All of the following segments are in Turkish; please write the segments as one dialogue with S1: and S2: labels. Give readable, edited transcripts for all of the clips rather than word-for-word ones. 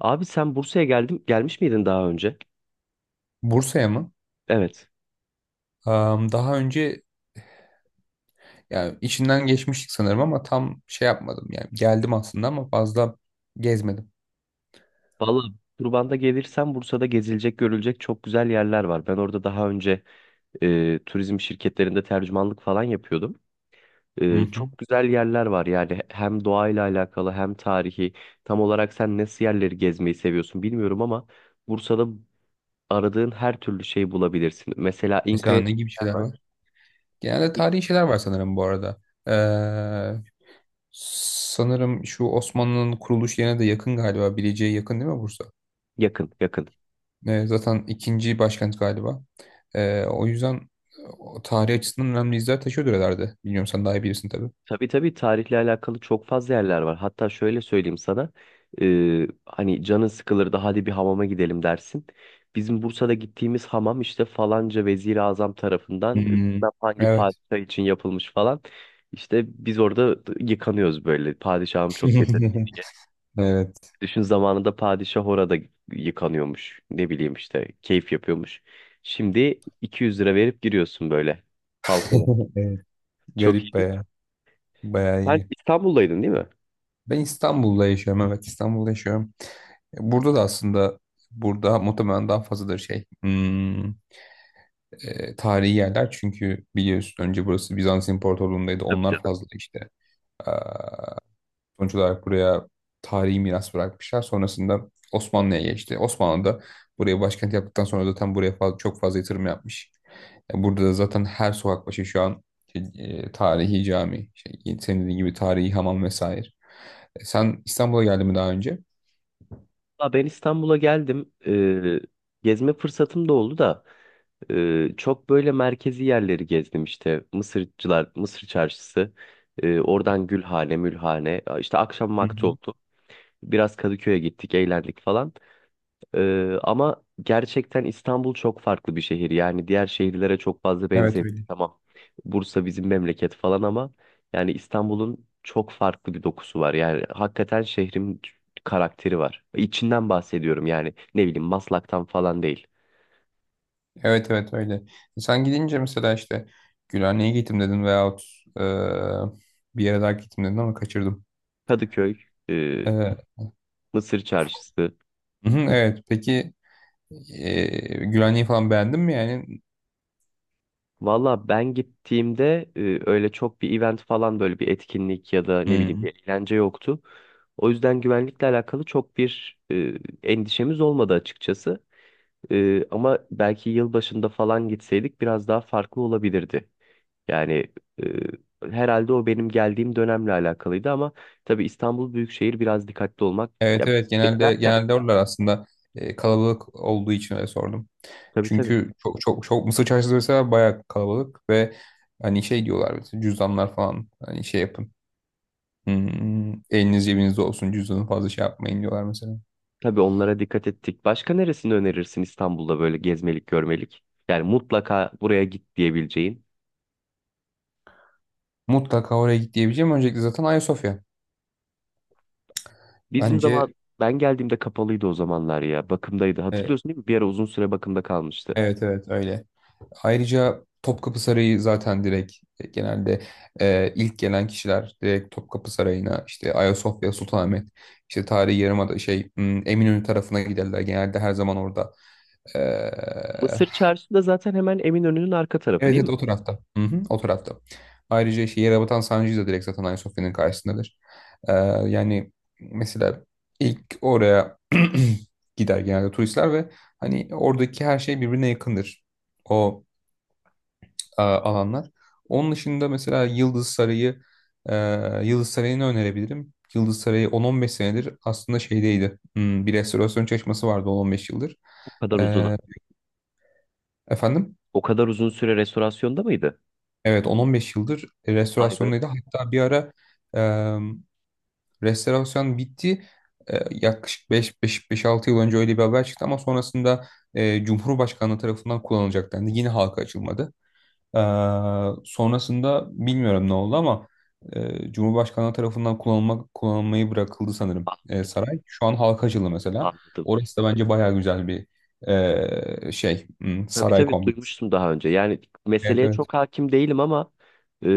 S1: Abi sen Bursa'ya gelmiş miydin daha önce?
S2: Bursa'ya mı?
S1: Evet.
S2: Daha önce yani içinden geçmiştik sanırım ama tam şey yapmadım. Yani geldim aslında ama fazla gezmedim.
S1: Vallahi Turban'da gelirsen Bursa'da gezilecek, görülecek çok güzel yerler var. Ben orada daha önce turizm şirketlerinde tercümanlık falan yapıyordum.
S2: Hı hı.
S1: Çok güzel yerler var yani hem doğayla alakalı hem tarihi. Tam olarak sen nasıl yerleri gezmeyi seviyorsun bilmiyorum ama Bursa'da aradığın her türlü şeyi bulabilirsin. Mesela
S2: Mesela
S1: İnka'ya
S2: ne gibi şeyler
S1: var.
S2: var? Genelde
S1: İ-
S2: tarihi şeyler var sanırım bu arada. Ee, Sanırım şu Osmanlı'nın kuruluş yerine de yakın galiba. Bilecik'e yakın değil mi Bursa?
S1: Yakın, yakın.
S2: Zaten ikinci başkent galiba. O yüzden o tarih açısından önemli izler taşıyordur herhalde. Bilmiyorum sen daha iyi bilirsin tabii.
S1: Tabii tabii, tarihle alakalı çok fazla yerler var. Hatta şöyle söyleyeyim sana. Hani canın sıkılır da hadi bir hamama gidelim dersin. Bizim Bursa'da gittiğimiz hamam işte falanca Vezir-i Azam tarafından
S2: Hmm,
S1: bilmem hangi
S2: evet.
S1: padişah için yapılmış falan. İşte biz orada yıkanıyoruz böyle. Padişahım çok yetenekli diye.
S2: Evet.
S1: Düşün, zamanında padişah orada yıkanıyormuş. Ne bileyim işte keyif yapıyormuş. Şimdi 200 lira verip giriyorsun böyle halk olarak. Çok
S2: Garip
S1: iyi.
S2: bayağı, bayağı
S1: Sen
S2: iyi.
S1: İstanbul'daydın değil mi?
S2: Ben İstanbul'da yaşıyorum. Evet, İstanbul'da yaşıyorum. E, burada da aslında burada muhtemelen daha fazladır tarihi yerler çünkü biliyorsun önce burası Bizans İmparatorluğu'ndaydı.
S1: Tabii
S2: Onlar
S1: canım.
S2: fazla işte. Ee, Sonuç olarak buraya tarihi miras bırakmışlar. Sonrasında Osmanlı'ya geçti. Osmanlı da buraya başkent yaptıktan sonra zaten buraya çok fazla yatırım yapmış. E, burada da zaten her sokak başı şu an şey, tarihi cami, şey, senin dediğin gibi tarihi hamam vesaire. E, sen İstanbul'a geldin mi daha önce?
S1: Ya ben İstanbul'a geldim. Gezme fırsatım da oldu da çok böyle merkezi yerleri gezdim işte. Mısırcılar, Mısır Çarşısı, oradan Gülhane, Mülhane. İşte akşam
S2: Hı
S1: vakti
S2: hı.
S1: oldu. Biraz Kadıköy'e gittik, eğlendik falan. Ama gerçekten İstanbul çok farklı bir şehir. Yani diğer şehirlere çok fazla
S2: Evet,
S1: benzemiyor.
S2: öyle.
S1: Tamam. Bursa bizim memleket falan ama yani İstanbul'un çok farklı bir dokusu var. Yani hakikaten şehrin karakteri var. İçinden bahsediyorum yani, ne bileyim, Maslak'tan falan değil.
S2: Evet, evet, öyle. E, sen gidince mesela işte Gülhane'ye gittim dedin veyahut e, bir yere daha gittim dedin ama kaçırdım.
S1: Kadıköy, e,
S2: E,
S1: Mısır Çarşısı,
S2: Hı hı, evet. Peki Gülhaneyi falan beğendin mi yani?
S1: Valla ben gittiğimde öyle çok bir event falan, böyle bir etkinlik ya da ne
S2: Hı
S1: bileyim
S2: hı.
S1: bir eğlence yoktu. O yüzden güvenlikle alakalı çok bir endişemiz olmadı açıkçası. Ama belki yılbaşında falan gitseydik biraz daha farklı olabilirdi. Yani herhalde o benim geldiğim dönemle alakalıydı ama tabii İstanbul Büyükşehir biraz dikkatli olmak,
S2: Evet,
S1: ya
S2: evet, genelde
S1: beklerken,
S2: genelde oralar aslında kalabalık olduğu için öyle sordum.
S1: tabii tabii.
S2: Çünkü çok Mısır Çarşısı mesela bayağı kalabalık ve hani şey diyorlar mesela cüzdanlar falan hani şey yapın. Hmm, eliniz cebinizde olsun cüzdanı fazla şey yapmayın diyorlar mesela.
S1: Tabii onlara dikkat ettik. Başka neresini önerirsin İstanbul'da böyle gezmelik, görmelik? Yani mutlaka buraya git diyebileceğin.
S2: Mutlaka oraya git diyebileceğim. Öncelikle zaten Ayasofya.
S1: Bizim zaman
S2: Bence
S1: ben geldiğimde kapalıydı o zamanlar ya. Bakımdaydı.
S2: e,
S1: Hatırlıyorsun değil mi? Bir ara uzun süre bakımda kalmıştı.
S2: evet, evet, öyle. Ayrıca Topkapı Sarayı zaten direkt e, genelde e, ilk gelen kişiler direkt Topkapı Sarayı'na işte Ayasofya, Sultanahmet, işte tarihi yarımada Eminönü tarafına giderler. Genelde her zaman orada. E,
S1: Mısır Çarşısı da zaten hemen Eminönü'nün arka tarafı
S2: evet,
S1: değil
S2: evet,
S1: mi?
S2: o tarafta. Hı hı, o tarafta. Ayrıca işte Yerebatan Sancı'yı da direkt zaten Ayasofya'nın karşısındadır. E, yani mesela ilk oraya gider genelde turistler ve hani oradaki her şey birbirine yakındır. O Alanlar. Onun dışında mesela Yıldız Sarayı, e, Yıldız Sarayı'nı önerebilirim. Yıldız Sarayı 10-15 senedir aslında şeydeydi. Hmm, bir restorasyon çalışması vardı 10-15 yıldır.
S1: O kadar uzun.
S2: E, Efendim?
S1: O kadar uzun süre restorasyonda mıydı?
S2: Evet, 10-15 yıldır
S1: Vay be.
S2: restorasyondaydı. Hatta bir ara e, restorasyon bitti. E, yaklaşık 5-6 yıl önce öyle bir haber çıktı ama sonrasında Cumhurbaşkanlığı tarafından kullanılacak dendi. Yine halka açılmadı. Ee, Sonrasında bilmiyorum ne oldu ama Cumhurbaşkanı tarafından kullanılmayı bırakıldı sanırım
S1: Anladım,
S2: saray. Şu an halka açıldı mesela.
S1: anladım.
S2: Orası da bence bayağı güzel bir
S1: Tabii
S2: saray
S1: tabii,
S2: kompleksi.
S1: duymuştum daha önce. Yani
S2: Evet,
S1: meseleye
S2: evet.
S1: çok hakim değilim ama e,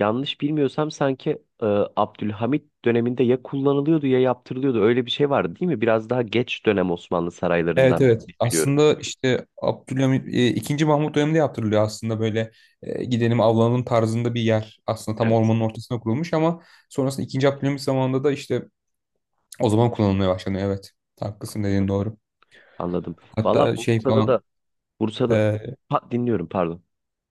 S1: yanlış bilmiyorsam sanki e, Abdülhamit döneminde ya kullanılıyordu ya yaptırılıyordu. Öyle bir şey vardı değil mi? Biraz daha geç dönem Osmanlı
S2: Evet,
S1: saraylarından
S2: evet.
S1: biliyorum.
S2: Aslında işte Abdülhamit ikinci Mahmut döneminde yaptırılıyor aslında böyle gidelim avlanalım tarzında bir yer. Aslında tam
S1: Evet,
S2: ormanın ortasına kurulmuş ama sonrasında ikinci Abdülhamit zamanında da işte o zaman kullanılmaya başlanıyor. Evet. Haklısın,
S1: anladım.
S2: dediğin doğru.
S1: Anladım. Valla
S2: Hatta şey
S1: Bursa'da
S2: falan
S1: da Bursa'da dinliyorum, pardon.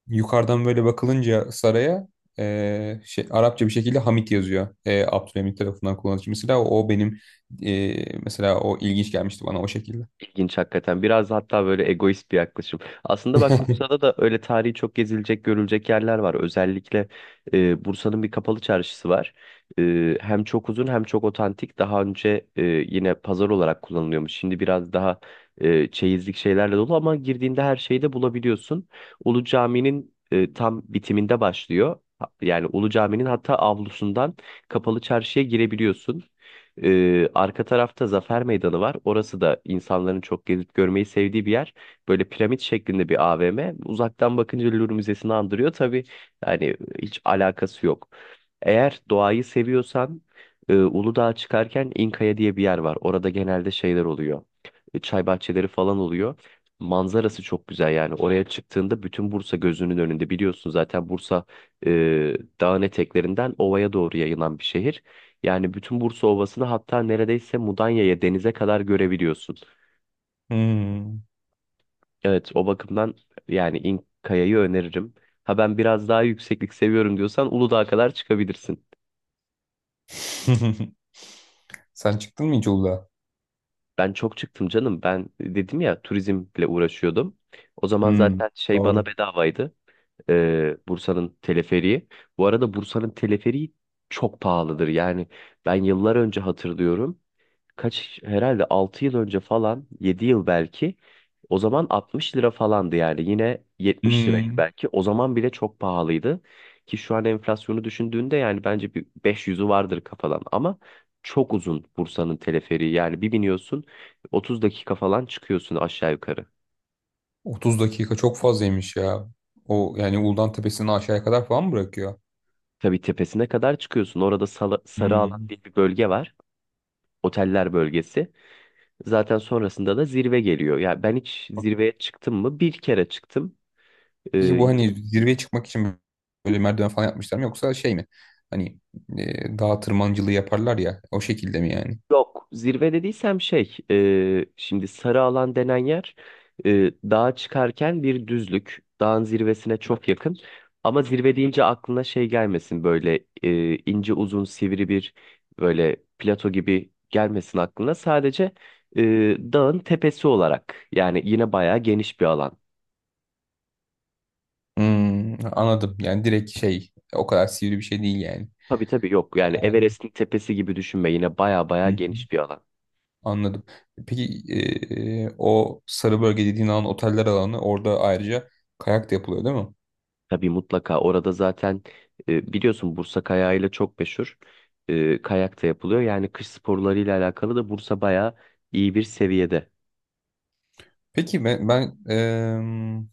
S2: yukarıdan böyle bakılınca saraya şey, Arapça bir şekilde Hamit yazıyor. E, Abdülhamit tarafından kullanılmış. Mesela o ilginç gelmişti bana o şekilde.
S1: İlginç hakikaten. Biraz hatta böyle egoist bir yaklaşım. Aslında bak, Bursa'da da öyle tarihi çok gezilecek, görülecek yerler var. Özellikle Bursa'nın bir kapalı çarşısı var. Hem çok uzun, hem çok otantik. Daha önce yine pazar olarak kullanılıyormuş. Şimdi biraz daha çeyizlik şeylerle dolu ama girdiğinde her şeyi de bulabiliyorsun. Ulu Cami'nin tam bitiminde başlıyor. Yani Ulu Cami'nin hatta avlusundan kapalı çarşıya girebiliyorsun. Arka tarafta Zafer Meydanı var. Orası da insanların çok gezip görmeyi sevdiği bir yer. Böyle piramit şeklinde bir AVM. Uzaktan bakınca Louvre Müzesi'ni andırıyor. Tabii yani hiç alakası yok. Eğer doğayı seviyorsan Uludağ'a çıkarken İnkaya diye bir yer var. Orada genelde şeyler oluyor. Çay bahçeleri falan oluyor. Manzarası çok güzel yani. Oraya çıktığında bütün Bursa gözünün önünde. Biliyorsun zaten Bursa e, dağın eteklerinden ovaya doğru yayılan bir şehir. Yani bütün Bursa Ovası'nı, hatta neredeyse Mudanya'ya, denize kadar görebiliyorsun.
S2: Hmm.
S1: Evet, o bakımdan yani İnkaya'yı öneririm. Ha, ben biraz daha yükseklik seviyorum diyorsan Uludağ'a kadar çıkabilirsin.
S2: Sen çıktın mı hiç Uludağ'a?
S1: Ben çok çıktım canım. Ben dedim ya, turizmle uğraşıyordum. O zaman
S2: Hmm,
S1: zaten şey, bana
S2: doğru.
S1: bedavaydı. Bursa'nın teleferiği. Bu arada Bursa'nın teleferiği çok pahalıdır. Yani ben yıllar önce hatırlıyorum. Kaç, herhalde 6 yıl önce falan, 7 yıl belki, o zaman 60 lira falandı. Yani yine yetmiş liraydı
S2: Hmm.
S1: belki, o zaman bile çok pahalıydı, ki şu an enflasyonu düşündüğünde yani bence bir 500'ü vardır kafadan ama çok uzun Bursa'nın teleferiği. Yani bir biniyorsun, 30 dakika falan çıkıyorsun aşağı yukarı.
S2: 30 dakika çok fazlaymış ya. O yani Uludağ'ın tepesini aşağıya kadar falan mı bırakıyor?
S1: Tabii, tepesine kadar çıkıyorsun. Orada Sarı Alan
S2: Hmm.
S1: diye bir bölge var, oteller bölgesi. Zaten sonrasında da zirve geliyor. Ya ben hiç zirveye çıktım mı? Bir kere çıktım.
S2: Peki
S1: Ee,
S2: bu hani zirveye çıkmak için böyle merdiven falan yapmışlar mı yoksa şey mi? Hani dağ tırmancılığı yaparlar ya o şekilde mi yani?
S1: Yok, zirve dediysem şey, şimdi sarı alan denen yer dağa çıkarken bir düzlük. Dağın zirvesine çok yakın. Ama zirve deyince aklına şey gelmesin, böyle ince uzun sivri bir, böyle plato gibi gelmesin aklına. Sadece e, dağın tepesi olarak, yani yine bayağı geniş bir alan.
S2: Hmm, anladım. Yani direkt şey o kadar sivri bir şey değil yani.
S1: Tabii tabii, yok yani, Everest'in tepesi gibi düşünme, yine bayağı
S2: Hı
S1: bayağı
S2: hı.
S1: geniş bir alan.
S2: Anladım. Peki o sarı bölge dediğin alan oteller alanı orada ayrıca kayak da yapılıyor değil mi?
S1: Tabii, mutlaka orada zaten biliyorsun Bursa kayağıyla çok meşhur. Kayak da yapılıyor. Yani kış sporlarıyla alakalı da Bursa bayağı iyi bir seviyede.
S2: Peki ben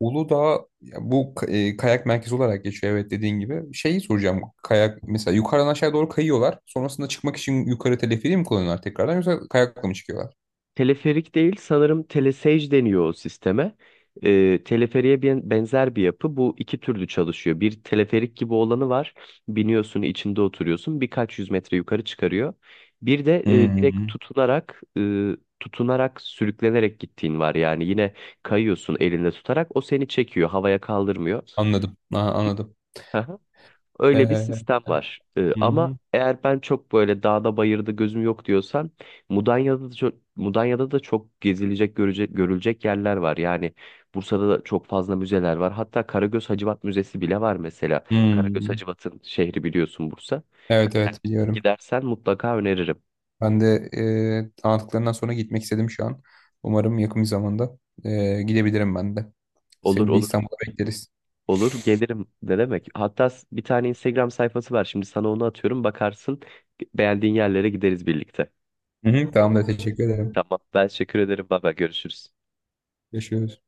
S2: Uludağ ya kayak merkezi olarak geçiyor evet dediğin gibi. Şeyi soracağım kayak mesela yukarıdan aşağı doğru kayıyorlar. Sonrasında çıkmak için yukarı teleferiği mi kullanıyorlar tekrardan yoksa kayakla mı çıkıyorlar?
S1: Teleferik değil, sanırım telesage deniyor o sisteme. Teleferiğe benzer bir yapı. Bu iki türlü çalışıyor. Bir teleferik gibi olanı var. Biniyorsun, içinde oturuyorsun. Birkaç yüz metre yukarı çıkarıyor. Bir de direkt
S2: Hı.
S1: tutunarak sürüklenerek gittiğin var. Yani yine kayıyorsun, elinde tutarak. O seni çekiyor. Havaya kaldırmıyor.
S2: Anladım. Ha, anladım.
S1: Öyle bir
S2: Eee,
S1: sistem var.
S2: Hı
S1: Ama
S2: hı.
S1: eğer ben çok böyle dağda bayırda gözüm yok diyorsan, Mudanya'da da çok gezilecek, görecek, görülecek yerler var. Yani Bursa'da da çok fazla müzeler var. Hatta Karagöz Hacivat Müzesi bile var mesela. Karagöz
S2: Hı.
S1: Hacivat'ın şehri, biliyorsun, Bursa.
S2: Evet,
S1: Yani
S2: evet, biliyorum.
S1: gidersen mutlaka öneririm.
S2: Ben de tanıttıklarından sonra gitmek istedim şu an. Umarım yakın bir zamanda gidebilirim ben de.
S1: Olur,
S2: Seni de
S1: olur,
S2: İstanbul'a bekleriz.
S1: olur, gelirim, ne demek. Hatta bir tane Instagram sayfası var. Şimdi sana onu atıyorum, bakarsın, beğendiğin yerlere gideriz birlikte.
S2: Hı hı, tamam da teşekkür ederim.
S1: Tamam, ben teşekkür ederim. Baba, görüşürüz.
S2: Görüşürüz.